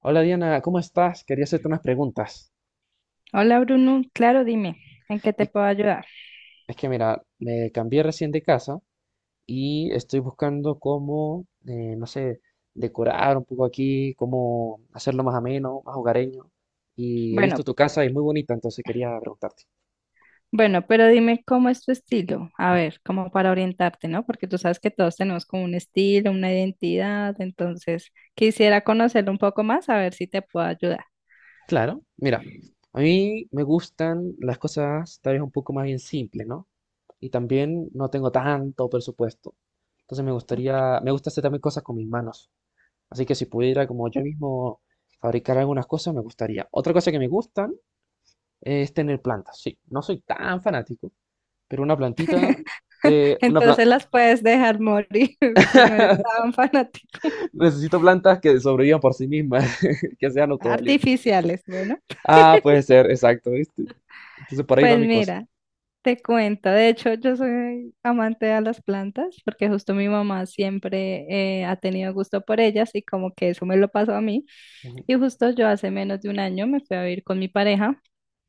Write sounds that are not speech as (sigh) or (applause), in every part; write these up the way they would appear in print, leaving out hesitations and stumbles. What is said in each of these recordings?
Hola Diana, ¿cómo estás? Quería hacerte unas preguntas. Hola Bruno, claro, dime, ¿en qué te Es puedo ayudar? es que mira, me cambié recién de casa y estoy buscando cómo, no sé, decorar un poco aquí, cómo hacerlo más ameno, más hogareño. Y he Bueno, visto tu casa y es muy bonita, entonces quería preguntarte. bueno, pero dime cómo es tu estilo, a ver, como para orientarte, ¿no? Porque tú sabes que todos tenemos como un estilo, una identidad, entonces quisiera conocerlo un poco más, a ver si te puedo ayudar. Claro, mira, (laughs) a mí me gustan las cosas tal vez un poco más bien simples, ¿no? Y también no tengo tanto presupuesto. Entonces me gustaría, me gusta hacer también cosas con mis manos. Así que si pudiera como yo mismo fabricar algunas cosas, me gustaría. Otra cosa que me gustan es tener plantas. Sí, no soy tan fanático, pero una plantita, una planta, Entonces las puedes dejar morir (laughs) si no eres (laughs) tan (laughs) fanático. necesito plantas que sobrevivan por sí mismas, (laughs) que sean autovalientes. Artificiales, bueno. Ah, puede ser, exacto, ¿viste? Entonces por ahí va Pues mi cosa. mira, te cuento, de hecho yo soy amante a las plantas porque justo mi mamá siempre ha tenido gusto por ellas y como que eso me lo pasó a mí. Ujú, Y justo yo hace menos de un año me fui a vivir con mi pareja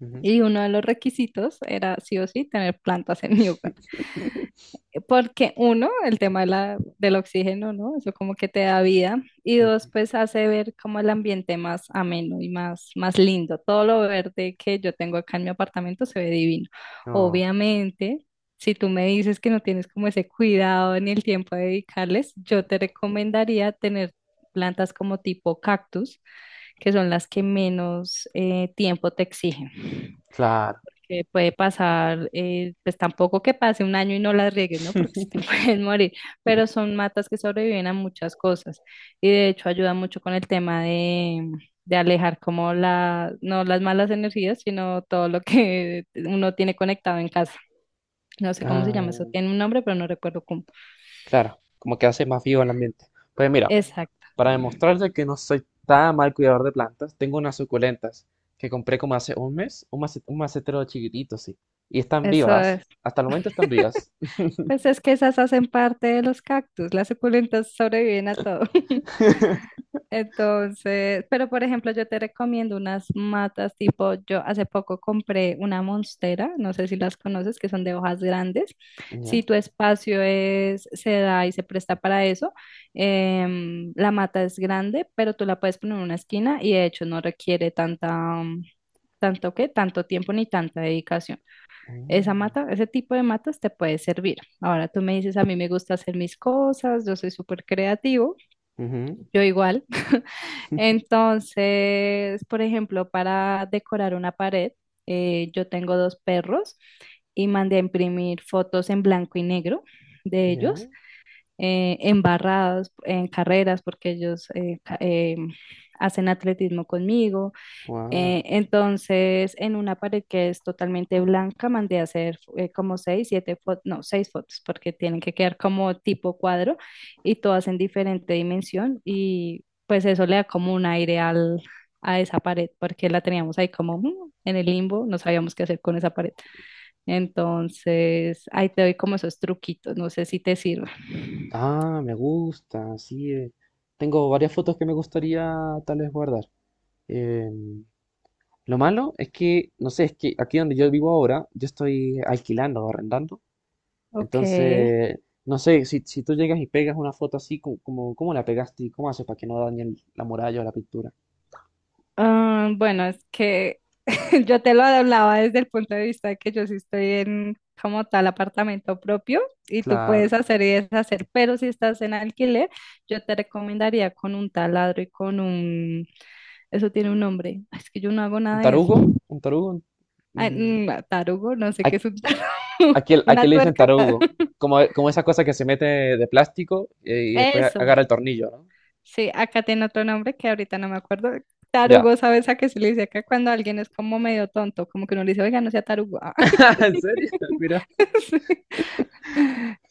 ujú, y uno de los requisitos era sí o sí tener plantas en mi hogar. (laughs) Porque uno, el tema de del oxígeno, ¿no? Eso como que te da vida. Y dos, ujú. pues hace ver como el ambiente más ameno y más, más lindo. Todo lo verde que yo tengo acá en mi apartamento se ve divino. No, Obviamente, si tú me dices que no tienes como ese cuidado ni el tiempo de dedicarles, yo te recomendaría tener plantas como tipo cactus, que son las que menos tiempo te exigen claro. que puede pasar, pues tampoco que pase un año y no las riegues, ¿no? Porque se te (laughs) pueden morir, pero son matas que sobreviven a muchas cosas y de hecho ayuda mucho con el tema de alejar como no las malas energías, sino todo lo que uno tiene conectado en casa. No sé cómo se Ah, llama eso, tiene un nombre, pero no recuerdo cómo. claro, como que hace más vivo el ambiente. Pues mira, Exacto. para demostrarte que no soy tan mal cuidador de plantas, tengo unas suculentas que compré como hace un mes, un un macetero chiquitito, sí. Y están Eso vivas, es. hasta el momento están vivas. Pues es que esas hacen parte de los cactus, las suculentas sobreviven a todo. (laughs) (laughs) Entonces, pero por ejemplo, yo te recomiendo unas matas tipo, yo hace poco compré una monstera, no sé si las conoces, que son de hojas grandes. Si Ya. tu espacio es, se da y se presta para eso, la mata es grande, pero tú la puedes poner en una esquina y de hecho no requiere tanta, mm, tanto que, tanto tiempo ni tanta dedicación. Esa Mm. mata, ese tipo de matas te puede servir. Ahora tú me dices, a mí me gusta hacer mis cosas, yo soy súper creativo, Ujú. yo igual. (laughs) Entonces, por ejemplo, para decorar una pared, yo tengo dos perros y mandé a imprimir fotos en blanco y negro de ellos, Ya. Embarrados en carreras, porque ellos hacen atletismo conmigo, Wow. Entonces, en una pared que es totalmente blanca, mandé a hacer como seis, siete fotos, no, seis fotos, porque tienen que quedar como tipo cuadro y todas en diferente dimensión y pues eso le da como un aire a esa pared, porque la teníamos ahí como en el limbo, no sabíamos qué hacer con esa pared. Entonces, ahí te doy como esos truquitos, no sé si te sirve. Ah, me gusta, sí. Tengo varias fotos que me gustaría tal vez guardar. Em, lo malo es que, no sé, es que aquí donde yo vivo ahora, yo estoy alquilando o arrendando. Ok. Entonces, no sé, si, si tú llegas y pegas una foto así, como, ¿cómo la pegaste y cómo haces para que no dañe la muralla o la pintura? Ah, bueno, es que (laughs) yo te lo hablaba desde el punto de vista de que yo sí estoy en como tal apartamento propio y tú Claro. puedes hacer y deshacer, pero si estás en alquiler, yo te recomendaría con un taladro y con un... Eso tiene un nombre. Ay, es que yo no hago ¿Un nada de eso. tarugo? ¿Un tarugo? Ay, Mm, tarugo, no sé qué es aquí, un tarugo. (laughs) aquí ¿Una le dicen tuerca? tarugo. (laughs) Como, como esa cosa que se mete de plástico y después Eso. agarra el tornillo, ¿no? Sí, acá tiene otro nombre que ahorita no me acuerdo. Ya. Tarugo, ¿sabes a qué se le dice acá cuando alguien es como medio tonto? Como que uno le dice, oiga, no sea tarugo. Ah. (laughs) ¿En serio? (laughs) Mira. (laughs) Sí.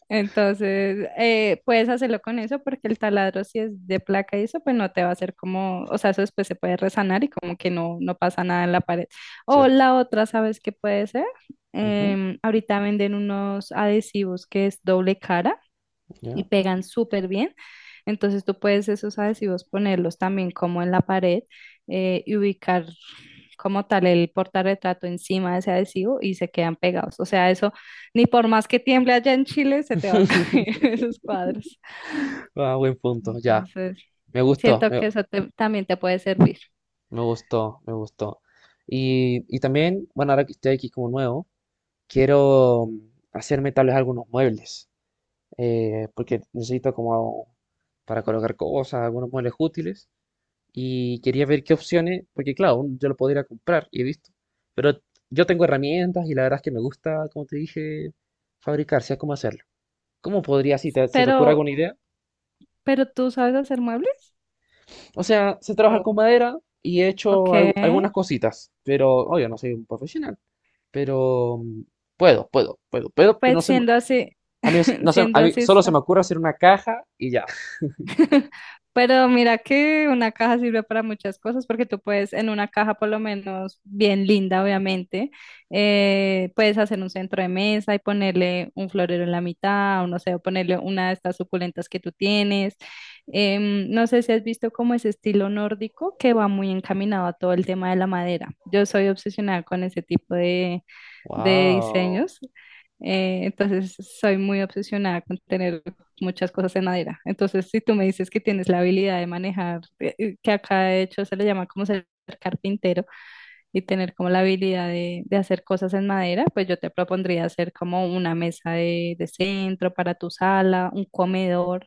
Entonces, puedes hacerlo con eso porque el taladro, si es de placa y eso, pues no te va a hacer como, o sea, eso después se puede resanar y como que no, no pasa nada en la pared. O Cierto. la otra, ¿sabes qué puede ser? Ujú, Ahorita venden unos adhesivos que es doble cara y ya. pegan súper bien. Entonces tú puedes esos adhesivos ponerlos también como en la pared y ubicar como tal el portarretrato encima de ese adhesivo y se quedan pegados. O sea, eso ni por más que tiemble allá en Chile se te va a (laughs) caer (laughs) esos cuadros. Ah, buen punto, ya. Entonces, Me gustó, siento me, que eso también te puede servir. me gustó, me gustó. Y también, bueno, ahora que estoy aquí como nuevo, quiero hacerme tal vez algunos muebles, porque necesito como para colocar cosas, algunos muebles útiles. Y quería ver qué opciones, porque claro, yo lo podría comprar y he visto. Pero yo tengo herramientas y la verdad es que me gusta, como te dije, fabricar, sé cómo hacerlo. ¿Cómo podría, si se te ocurre Pero, alguna idea? pero ¿tú sabes hacer muebles? O sea, sé trabajar con Oh, madera y he hecho algunas ok. cositas, pero obvio, no soy un profesional. Pero puedo, pero no Pues sé, siendo así, a mí, (laughs) no se- siendo a mí así, solo se me ocurre hacer una caja y ya. pero mira que una caja sirve para muchas cosas porque tú puedes en una caja por lo menos bien linda, obviamente, puedes hacer un centro de mesa y ponerle un florero en la mitad o no sé, o ponerle una de estas suculentas que tú tienes. No sé si has visto como ese estilo nórdico que va muy encaminado a todo el tema de la madera. Yo soy obsesionada con ese tipo de Wow. diseños. Entonces, soy muy obsesionada con tener muchas cosas en madera. Entonces, si tú me dices que tienes la habilidad de manejar, que acá de hecho se le llama como ser carpintero y tener como la habilidad de hacer cosas en madera, pues yo te propondría hacer como una mesa de centro para tu sala, un comedor,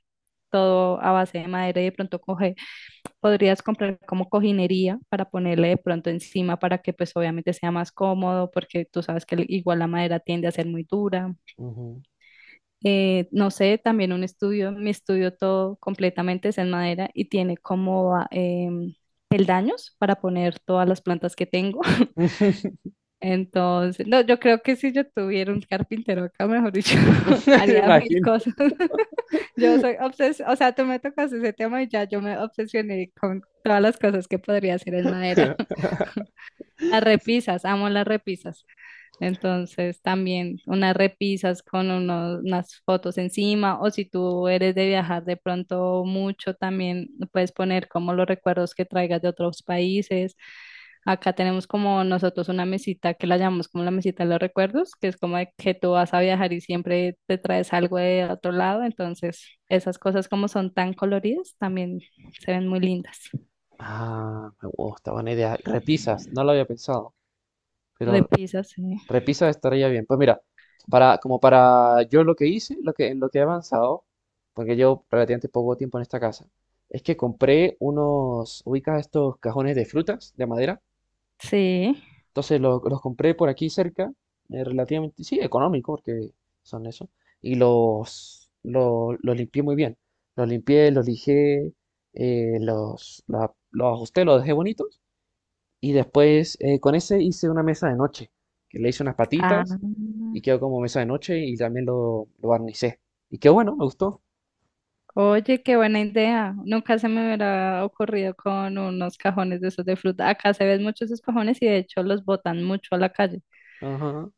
todo a base de madera y de pronto coger podrías comprar como cojinería para ponerle de pronto encima para que pues obviamente sea más cómodo porque tú sabes que igual la madera tiende a ser muy dura. Ujú. No sé, también un estudio, mi estudio todo completamente es en madera y tiene como peldaños para poner todas las plantas que tengo. (laughs) (laughs) Entonces, no, yo creo que si yo tuviera un carpintero acá, mejor dicho, (laughs) Me haría mil imagino. cosas. (laughs) Yo soy obses, o sea, tú me tocas ese tema y ya yo me obsesioné con todas las cosas que podría hacer en madera. (laughs) (laughs) Las repisas, amo las repisas. Entonces, también unas repisas con unas fotos encima, o si tú eres de viajar de pronto mucho, también puedes poner como los recuerdos que traigas de otros países. Acá tenemos como nosotros una mesita que la llamamos como la mesita de los recuerdos, que es como de que tú vas a viajar y siempre te traes algo de otro lado, entonces esas cosas como son tan coloridas también se ven muy lindas. Ah, me gusta, buena idea. Repisas, no lo había pensado, pero Repisas, sí. repisas estaría bien. Pues mira, para, como para yo lo que hice, lo que, en lo que he avanzado, porque llevo relativamente poco tiempo en esta casa, es que compré unos, ubicas estos cajones de frutas, de madera, Sí. entonces los compré por aquí cerca, relativamente, sí, económico, porque son eso. Y los, los limpié muy bien. Los limpié, los lijé, los, los ajusté, los dejé bonitos. Y después con ese hice una mesa de noche, que le hice unas Ah, patitas y quedó como mesa de noche y también lo barnicé. Y quedó bueno, me gustó. oye, qué buena idea. Nunca se me hubiera ocurrido con unos cajones de esos de fruta. Acá se ven muchos esos cajones y de hecho los botan mucho a la calle. Ajá.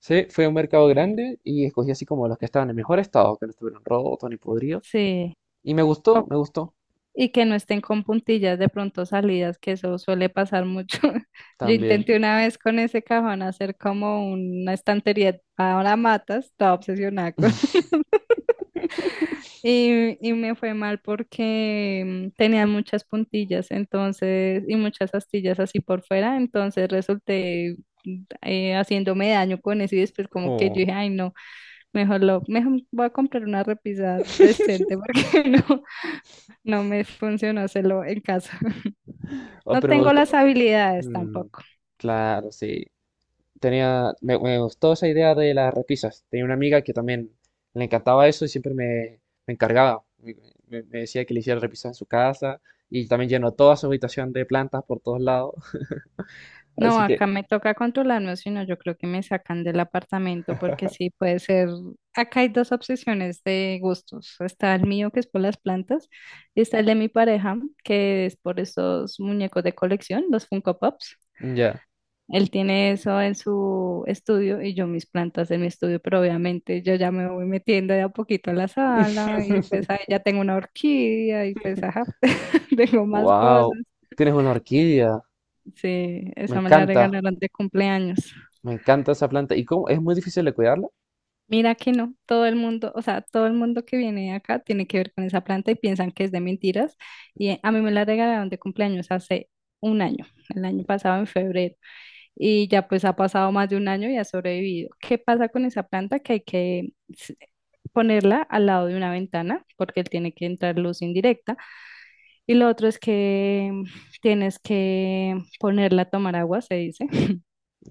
Sí, fue un mercado grande y escogí así como los que estaban en mejor estado, que no estuvieron rotos ni podridos. Sí. Y me gustó Y que no estén con puntillas de pronto salidas, que eso suele pasar mucho. (laughs) Yo también. intenté una vez con ese cajón hacer como una estantería para matas, estaba obsesionada con... (laughs) Y me fue mal porque tenía muchas puntillas, entonces, y muchas astillas así por fuera, entonces resulté haciéndome daño con eso y después como que yo Oh, dije, ay no, mejor voy a comprar una repisa decente porque (laughs) no, no me funcionó hacerlo en casa. (laughs) oh, No pero me tengo las gustó. habilidades Mm, tampoco. claro, sí. Tenía, me gustó esa idea de las repisas. Tenía una amiga que también le encantaba eso y siempre me, me encargaba. Me, me decía que le hiciera repisas en su casa y también llenó toda su habitación de plantas por todos lados. (laughs) No, Así que, acá me toca controlarme, si no, yo creo que me sacan del apartamento porque sí puede ser. Acá hay dos obsesiones de gustos. Está el mío, que es por las plantas, y está el de mi pareja, que es por esos muñecos de colección, los Funko Pops. ya. Él tiene eso en su estudio y yo mis plantas en mi estudio, pero obviamente yo ya me voy metiendo de a poquito a la sala y pues ahí (laughs) ya tengo una orquídea y pues ajá, (laughs) tengo más cosas. Wow, tienes una orquídea. Sí, Me esa me la encanta, regalaron de cumpleaños. me encanta esa planta. ¿Y cómo? ¿Es muy difícil de cuidarla? Mira que no, todo el mundo, o sea, todo el mundo que viene acá tiene que ver con esa planta y piensan que es de mentiras. Y a mí me la regalaron de cumpleaños hace un año, el año pasado en febrero. Y ya pues ha pasado más de un año y ha sobrevivido. ¿Qué pasa con esa planta? Que hay que ponerla al lado de una ventana porque tiene que entrar luz indirecta. Y lo otro es que tienes que ponerla a tomar agua, se dice.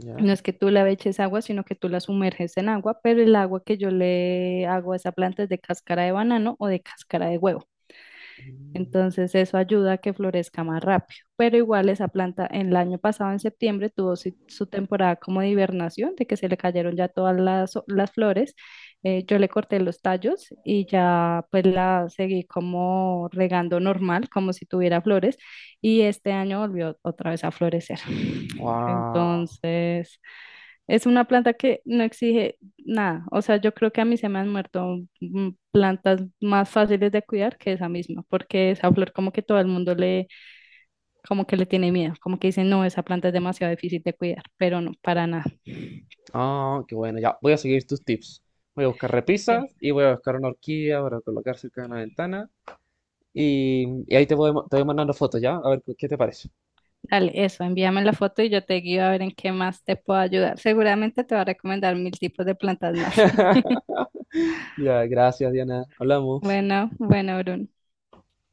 Ya. No es que tú la eches agua, sino que tú la sumerges en agua, pero el agua que yo le hago a esa planta es de cáscara de banano o de cáscara de huevo. Entonces eso ayuda a que florezca más rápido. Pero igual esa planta en el año pasado, en septiembre, tuvo su temporada como de hibernación, de que se le cayeron ya todas las flores. Yo le corté los tallos y ya pues la seguí como regando normal, como si tuviera flores. Y este año volvió otra vez a florecer. Wow. Entonces, es una planta que no exige nada. O sea, yo creo que a mí se me han muerto plantas más fáciles de cuidar que esa misma, porque esa flor como que todo el mundo como que le tiene miedo, como que dice, no, esa planta es demasiado difícil de cuidar, pero no, para nada. Ah, qué bueno, ya. Voy a seguir tus tips. Voy a buscar repisas Sí. y voy a buscar una horquilla para colocar cerca de una ventana. Y ahí te voy mandando fotos, ¿ya? A ver qué te parece. Dale, eso, envíame la foto y yo te guío a ver en qué más te puedo ayudar. Seguramente te va a recomendar mil tipos de plantas más. (laughs) (laughs) Ya, gracias, Diana. Hablamos. Bueno, bueno, Bruno.